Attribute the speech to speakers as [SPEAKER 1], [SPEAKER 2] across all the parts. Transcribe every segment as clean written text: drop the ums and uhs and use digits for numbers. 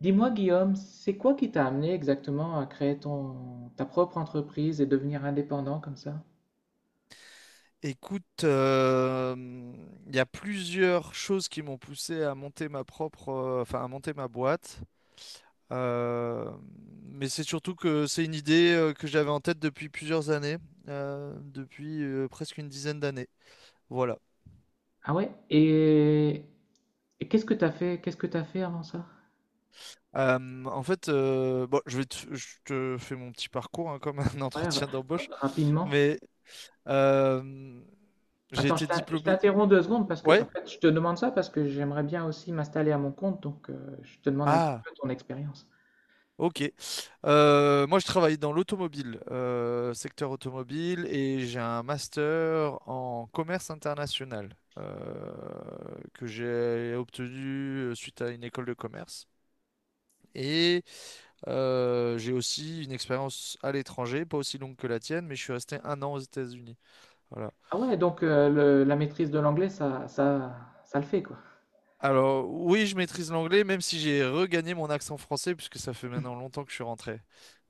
[SPEAKER 1] Dis-moi, Guillaume, c'est quoi qui t'a amené exactement à créer ta propre entreprise et devenir indépendant comme ça?
[SPEAKER 2] Écoute, il y a plusieurs choses qui m'ont poussé à monter ma propre, enfin à monter ma boîte. Euh, mais c'est surtout que c'est une idée que j'avais en tête depuis plusieurs années, depuis presque une dizaine d'années. Voilà.
[SPEAKER 1] Ah ouais? Et qu'est-ce que t'as fait avant ça?
[SPEAKER 2] En fait, bon, je te fais mon petit parcours hein, comme un
[SPEAKER 1] Ouais,
[SPEAKER 2] entretien d'embauche,
[SPEAKER 1] rapidement.
[SPEAKER 2] mais euh, j'ai
[SPEAKER 1] Attends,
[SPEAKER 2] été
[SPEAKER 1] je
[SPEAKER 2] diplômé.
[SPEAKER 1] t'interromps deux secondes parce que, en
[SPEAKER 2] Ouais?
[SPEAKER 1] fait, je te demande ça parce que j'aimerais bien aussi m'installer à mon compte, donc je te demande un petit
[SPEAKER 2] Ah.
[SPEAKER 1] peu ton expérience.
[SPEAKER 2] Ok. Moi, je travaille dans l'automobile, secteur automobile, et j'ai un master en commerce international euh, que j'ai obtenu suite à une école de commerce. Et j'ai aussi une expérience à l'étranger, pas aussi longue que la tienne, mais je suis resté un an aux États-Unis. Voilà.
[SPEAKER 1] Ah ouais, donc la maîtrise de l'anglais, ça le fait quoi.
[SPEAKER 2] Alors, oui, je maîtrise l'anglais, même si j'ai regagné mon accent français, puisque ça fait maintenant longtemps que je suis rentré.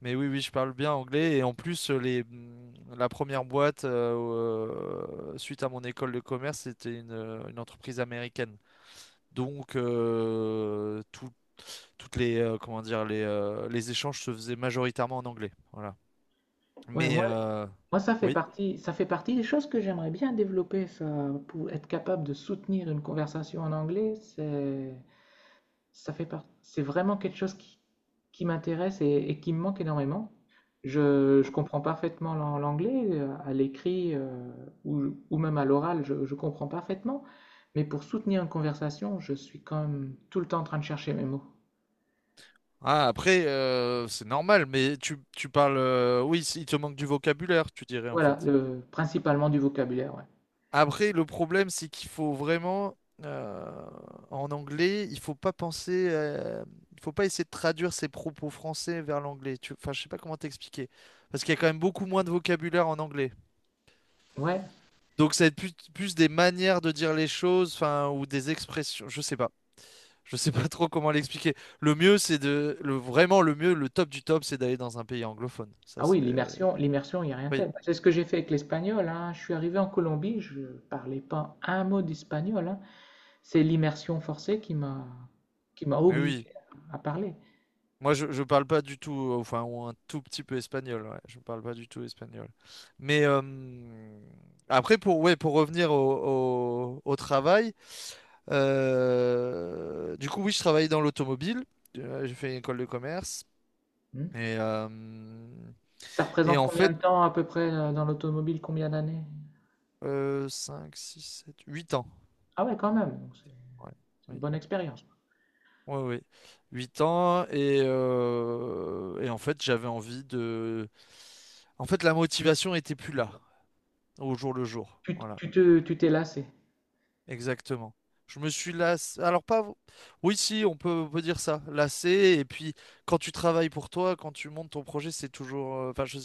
[SPEAKER 2] Mais oui, oui, je parle bien anglais. Et en plus, la première boîte, suite à mon école de commerce, c'était une entreprise américaine. Donc, toutes les, comment dire, les échanges se faisaient majoritairement en anglais. Voilà.
[SPEAKER 1] Ouais,
[SPEAKER 2] Mais,
[SPEAKER 1] moi, Moi, ça fait
[SPEAKER 2] oui.
[SPEAKER 1] partie, ça fait partie des choses que j'aimerais bien développer, ça, pour être capable de soutenir une conversation en anglais, c'est vraiment quelque chose qui m'intéresse et qui me manque énormément. Je comprends parfaitement l'anglais, à l'écrit ou même à l'oral, je comprends parfaitement, mais pour soutenir une conversation, je suis quand même tout le temps en train de chercher mes mots.
[SPEAKER 2] Ah, après, c'est normal, mais tu parles, oui, il te manque du vocabulaire, tu dirais, en
[SPEAKER 1] Voilà,
[SPEAKER 2] fait.
[SPEAKER 1] principalement du vocabulaire, ouais.
[SPEAKER 2] Après, le problème, c'est qu'il faut vraiment, euh, en anglais, il faut pas penser, il faut pas essayer de traduire ses propos français vers l'anglais. Enfin, je sais pas comment t'expliquer, parce qu'il y a quand même beaucoup moins de vocabulaire en anglais.
[SPEAKER 1] Ouais.
[SPEAKER 2] Donc, ça va être plus des manières de dire les choses, enfin, ou des expressions. Je sais pas trop comment l'expliquer. Le mieux, c'est le vraiment le mieux, le top du top, c'est d'aller dans un pays anglophone. Ça,
[SPEAKER 1] Ah oui,
[SPEAKER 2] c'est,
[SPEAKER 1] l'immersion, l'immersion, il n'y a rien de
[SPEAKER 2] oui,
[SPEAKER 1] tel. C'est ce que j'ai fait avec l'espagnol, hein. Je suis arrivé en Colombie, je parlais pas un mot d'espagnol, hein. C'est l'immersion forcée qui m'a
[SPEAKER 2] oui, oui.
[SPEAKER 1] obligé à parler.
[SPEAKER 2] Moi, je parle pas du tout, enfin, ou un tout petit peu espagnol, ouais. Je ne parle pas du tout espagnol. Mais après, pour, ouais, pour revenir au travail, du coup, oui, je travaillais dans l'automobile. J'ai fait une école de commerce.
[SPEAKER 1] Hmm.
[SPEAKER 2] Et, euh,
[SPEAKER 1] Ça
[SPEAKER 2] et
[SPEAKER 1] représente
[SPEAKER 2] en
[SPEAKER 1] combien
[SPEAKER 2] fait,
[SPEAKER 1] de temps à peu près dans l'automobile, combien d'années?
[SPEAKER 2] 5, 6, 7, 8 ans.
[SPEAKER 1] Ah ouais, quand même, donc c'est
[SPEAKER 2] Ouais,
[SPEAKER 1] c'est
[SPEAKER 2] oui,
[SPEAKER 1] une bonne expérience.
[SPEAKER 2] oui, oui. 8 ans. Et en fait, j'avais envie de... En fait, la motivation était plus là au jour le jour.
[SPEAKER 1] Tu, t-
[SPEAKER 2] Voilà,
[SPEAKER 1] tu te, tu t'es lassé.
[SPEAKER 2] exactement. Je me suis lassé. Alors pas. Oui, si, on peut dire ça. Lassé. Et puis, quand tu travailles pour toi, quand tu montes ton projet, c'est toujours. Enfin,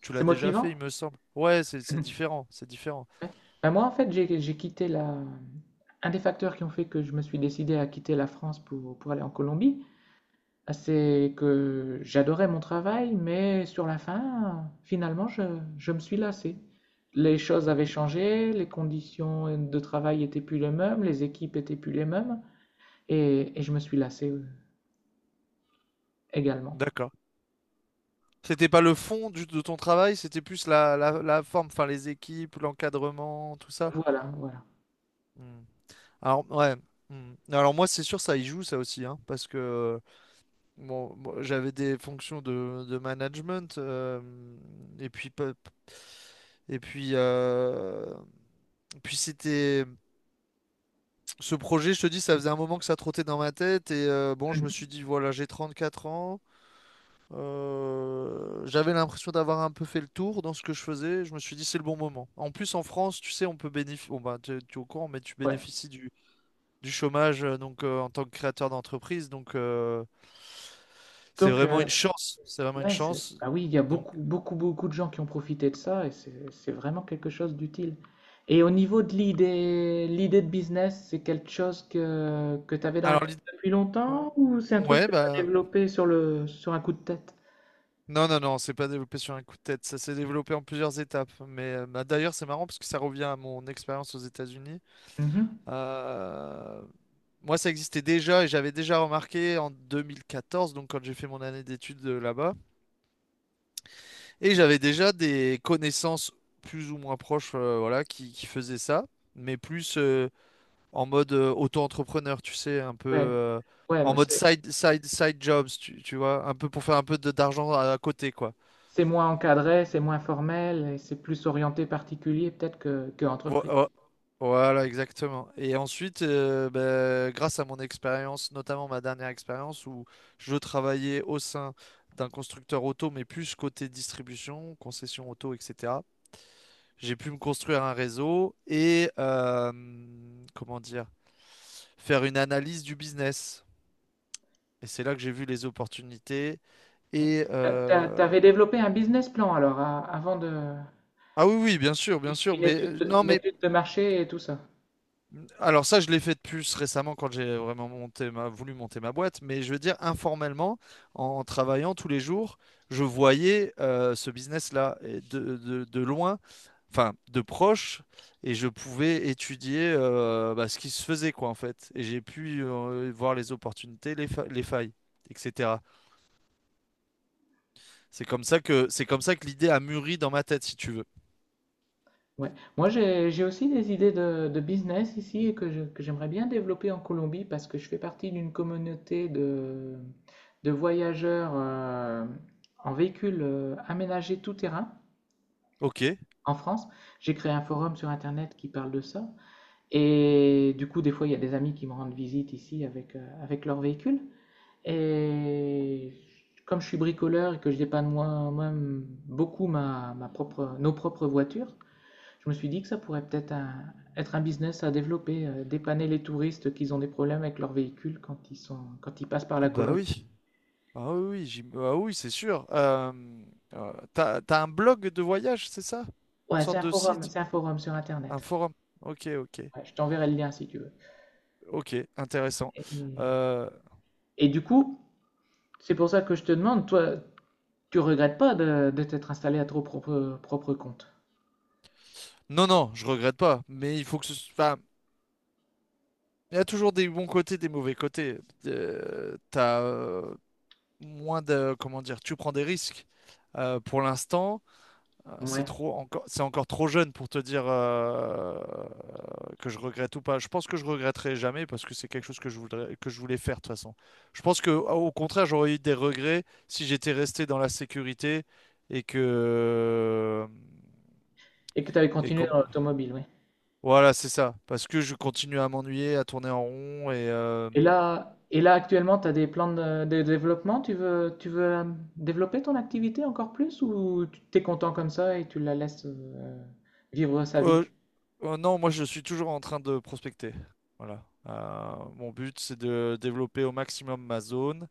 [SPEAKER 2] tu
[SPEAKER 1] C'est
[SPEAKER 2] l'as déjà fait, il
[SPEAKER 1] motivant?
[SPEAKER 2] me semble. Ouais, c'est différent. C'est différent.
[SPEAKER 1] Ouais. Ben moi, en fait, j'ai quitté la... Un des facteurs qui ont fait que je me suis décidé à quitter la France pour aller en Colombie, ah, c'est que j'adorais mon travail, mais sur la fin, finalement, je me suis lassé. Les choses
[SPEAKER 2] Mm.
[SPEAKER 1] avaient changé, les conditions de travail étaient plus les mêmes, les équipes étaient plus les mêmes, et je me suis lassé également.
[SPEAKER 2] D'accord. C'était pas le fond de ton travail, c'était plus la forme, enfin les équipes, l'encadrement, tout ça.
[SPEAKER 1] Voilà, voilà.
[SPEAKER 2] Mm. Alors, ouais. Mm. Alors moi, c'est sûr, ça y joue, ça aussi, hein, parce que bon, j'avais des fonctions de management, et puis pe- et puis c'était ce projet, je te dis, ça faisait un moment que ça trottait dans ma tête et bon, je me
[SPEAKER 1] Mhm.
[SPEAKER 2] suis dit voilà, j'ai 34 ans, j'avais l'impression d'avoir un peu fait le tour dans ce que je faisais, je me suis dit c'est le bon moment. En plus en France, tu sais, on peut bénéficier, bon bah tu es au courant, mais tu
[SPEAKER 1] Ouais.
[SPEAKER 2] bénéficies du chômage, donc en tant que créateur d'entreprise. Donc, c'est
[SPEAKER 1] Donc,
[SPEAKER 2] vraiment une chance. C'est vraiment une
[SPEAKER 1] ouais, c'est-
[SPEAKER 2] chance.
[SPEAKER 1] ah oui, il y a
[SPEAKER 2] Donc
[SPEAKER 1] beaucoup, beaucoup, beaucoup de gens qui ont profité de ça et c'est vraiment quelque chose d'utile. Et au niveau de l'idée de business, c'est quelque chose que tu avais dans la
[SPEAKER 2] alors
[SPEAKER 1] tête depuis
[SPEAKER 2] non.
[SPEAKER 1] longtemps ou c'est un truc
[SPEAKER 2] Ouais
[SPEAKER 1] que tu as
[SPEAKER 2] bah
[SPEAKER 1] développé sur un coup de tête?
[SPEAKER 2] non non non, c'est pas développé sur un coup de tête. Ça s'est développé en plusieurs étapes. Mais bah, d'ailleurs c'est marrant parce que ça revient à mon expérience aux États-Unis.
[SPEAKER 1] Mhm.
[SPEAKER 2] Euh, Moi, ça existait déjà et j'avais déjà remarqué en 2014, donc quand j'ai fait mon année d'études là-bas, et j'avais déjà des connaissances plus ou moins proches, voilà, qui faisaient ça, mais plus en mode auto-entrepreneur, tu sais, un peu
[SPEAKER 1] Ouais, ouais,
[SPEAKER 2] en
[SPEAKER 1] moi,
[SPEAKER 2] mode
[SPEAKER 1] c'est
[SPEAKER 2] side jobs, tu vois, un peu pour faire un peu d'argent à côté, quoi.
[SPEAKER 1] c'est moins encadré, c'est moins formel et c'est plus orienté particulier peut-être que
[SPEAKER 2] Vo-
[SPEAKER 1] entreprise.
[SPEAKER 2] vo- Voilà, exactement. Et ensuite, ben, grâce à mon expérience, notamment ma dernière expérience où je travaillais au sein d'un constructeur auto, mais plus côté distribution, concession auto, etc. J'ai pu me construire un réseau et, comment dire, faire une analyse du business. Et c'est là que j'ai vu les opportunités. Et
[SPEAKER 1] T'avais développé un business plan alors avant de
[SPEAKER 2] ah oui, oui, bien sûr, bien sûr.
[SPEAKER 1] une
[SPEAKER 2] Mais
[SPEAKER 1] étude,
[SPEAKER 2] non,
[SPEAKER 1] une
[SPEAKER 2] mais
[SPEAKER 1] étude de marché et tout ça.
[SPEAKER 2] alors ça, je l'ai fait de plus récemment quand j'ai vraiment monté ma, voulu monter ma boîte. Mais je veux dire informellement, en travaillant tous les jours, je voyais ce business-là et de loin, enfin de proche, et je pouvais étudier, bah, ce qui se faisait quoi en fait. Et j'ai pu voir les opportunités, les failles, etc. C'est comme ça que l'idée a mûri dans ma tête, si tu veux.
[SPEAKER 1] Ouais. Moi, j'ai aussi des idées de business ici et que que j'aimerais bien développer en Colombie parce que je fais partie d'une communauté de voyageurs en véhicule aménagé tout terrain
[SPEAKER 2] Ok.
[SPEAKER 1] en France. J'ai créé un forum sur Internet qui parle de ça. Et du coup, des fois, il y a des amis qui me rendent visite ici avec leur véhicule. Et comme je suis bricoleur et que je dépanne moi-même beaucoup nos propres voitures, je me suis dit que ça pourrait peut-être être un business à développer, dépanner les touristes qui ont des problèmes avec leur véhicule quand ils passent par
[SPEAKER 2] Ah
[SPEAKER 1] la
[SPEAKER 2] bah
[SPEAKER 1] Colombie.
[SPEAKER 2] oui, ah oui, oui, ah oui, c'est sûr. T'as un blog de voyage, c'est ça? Une
[SPEAKER 1] Ouais, c'est
[SPEAKER 2] sorte
[SPEAKER 1] un
[SPEAKER 2] de
[SPEAKER 1] forum,
[SPEAKER 2] site,
[SPEAKER 1] c'est un forum sur
[SPEAKER 2] un
[SPEAKER 1] Internet.
[SPEAKER 2] forum. Ok, ok,
[SPEAKER 1] Ouais, je t'enverrai le lien si tu veux.
[SPEAKER 2] ok, intéressant.
[SPEAKER 1] Et,
[SPEAKER 2] Euh,
[SPEAKER 1] et du coup, c'est pour ça que je te demande, toi, tu regrettes pas de t'être installé à ton propre compte?
[SPEAKER 2] non, non, je regrette pas, mais il faut que ce soit. Il y a toujours des bons côtés, des mauvais côtés. T'as moins de, comment dire, tu prends des risques. Pour l'instant, c'est
[SPEAKER 1] Ouais.
[SPEAKER 2] trop encore, c'est encore trop jeune pour te dire que je regrette ou pas. Je pense que je regretterai jamais parce que c'est quelque chose que je voudrais, que je voulais faire de toute façon. Je pense que au contraire, j'aurais eu des regrets si j'étais resté dans la sécurité et que
[SPEAKER 1] Et que tu avais
[SPEAKER 2] et
[SPEAKER 1] continué
[SPEAKER 2] comme
[SPEAKER 1] dans l'automobile, oui.
[SPEAKER 2] voilà, c'est ça. Parce que je continue à m'ennuyer, à tourner en rond et,
[SPEAKER 1] Et là, actuellement, tu as des plans de développement? Tu veux développer ton activité encore plus ou tu t'es content comme ça et tu la laisses vivre sa vie?
[SPEAKER 2] euh, non, moi je suis toujours en train de prospecter. Voilà. Mon but, c'est de développer au maximum ma zone.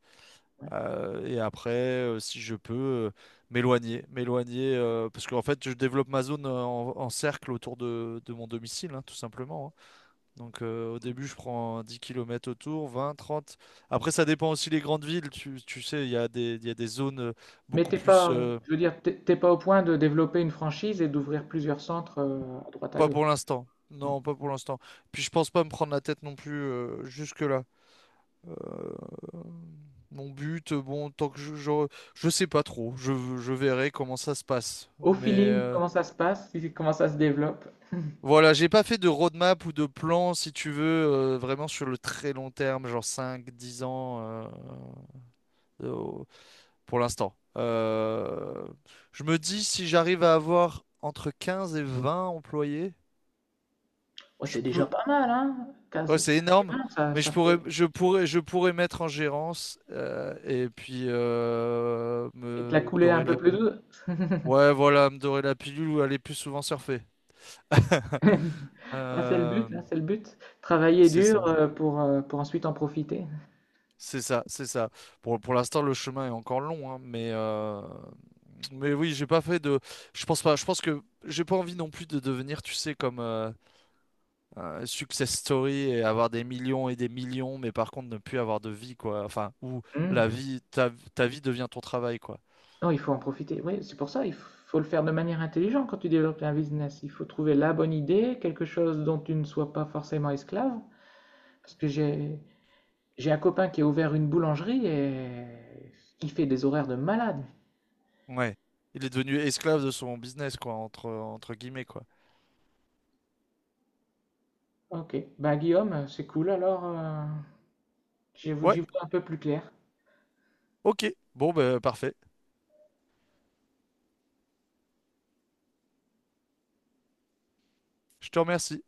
[SPEAKER 1] Ouais.
[SPEAKER 2] Et après, si je peux, m'éloigner, parce qu'en fait, je développe ma zone en cercle autour de mon domicile, hein, tout simplement, hein. Donc, au début, je prends 10 kilomètres autour, 20, 30. Après, ça dépend aussi des grandes villes. Tu sais, il y a des, il y a des zones
[SPEAKER 1] Mais
[SPEAKER 2] beaucoup
[SPEAKER 1] t'es
[SPEAKER 2] plus...
[SPEAKER 1] pas,
[SPEAKER 2] euh,
[SPEAKER 1] je veux dire, t'es pas au point de développer une franchise et d'ouvrir plusieurs centres à droite à
[SPEAKER 2] Pas pour
[SPEAKER 1] gauche.
[SPEAKER 2] l'instant.
[SPEAKER 1] Non.
[SPEAKER 2] Non, pas pour l'instant. Puis, je pense pas me prendre la tête non plus jusque-là. Euh, Mon but, bon, tant que je sais pas trop, je verrai comment ça se passe.
[SPEAKER 1] Au
[SPEAKER 2] Mais
[SPEAKER 1] feeling, comment ça se passe? Comment ça se développe?
[SPEAKER 2] voilà, j'ai pas fait de roadmap ou de plan, si tu veux, vraiment sur le très long terme, genre 5-10 ans, euh, pour l'instant. Je me dis, si j'arrive à avoir entre 15 et 20 employés,
[SPEAKER 1] Ouais,
[SPEAKER 2] je
[SPEAKER 1] c'est déjà
[SPEAKER 2] peux...
[SPEAKER 1] pas mal, hein?
[SPEAKER 2] Ouais,
[SPEAKER 1] 15
[SPEAKER 2] c'est énorme,
[SPEAKER 1] 15 ça,
[SPEAKER 2] mais
[SPEAKER 1] ça fait...
[SPEAKER 2] je pourrais mettre en gérance, et puis,
[SPEAKER 1] Et te
[SPEAKER 2] me
[SPEAKER 1] la couler un
[SPEAKER 2] dorer
[SPEAKER 1] peu
[SPEAKER 2] la
[SPEAKER 1] plus douce.
[SPEAKER 2] ouais, voilà, me dorer la pilule ou aller plus souvent surfer.
[SPEAKER 1] Ah, c'est le
[SPEAKER 2] Euh,
[SPEAKER 1] but, hein, c'est le but. Travailler
[SPEAKER 2] c'est
[SPEAKER 1] dur
[SPEAKER 2] ça,
[SPEAKER 1] pour ensuite en profiter.
[SPEAKER 2] c'est ça, c'est ça. Pour l'instant, le chemin est encore long, hein, mais, mais oui, j'ai pas fait de. Je pense pas, je pense que j'ai pas envie non plus de devenir, tu sais, comme un success story et avoir des millions et des millions, mais par contre ne plus avoir de vie, quoi. Enfin, où
[SPEAKER 1] Hmm.
[SPEAKER 2] la vie, ta, ta vie devient ton travail, quoi.
[SPEAKER 1] Non, il faut en profiter. Oui, c'est pour ça, il faut le faire de manière intelligente quand tu développes un business. Il faut trouver la bonne idée, quelque chose dont tu ne sois pas forcément esclave. Parce que j'ai un copain qui a ouvert une boulangerie et il fait des horaires de malade.
[SPEAKER 2] Ouais. Il est devenu esclave de son business, quoi, entre guillemets, quoi.
[SPEAKER 1] Ok, bah Guillaume, c'est cool alors. J'y vois
[SPEAKER 2] Ouais,
[SPEAKER 1] j'y vois un peu plus clair.
[SPEAKER 2] ok. Bon, ben, parfait. Je te remercie.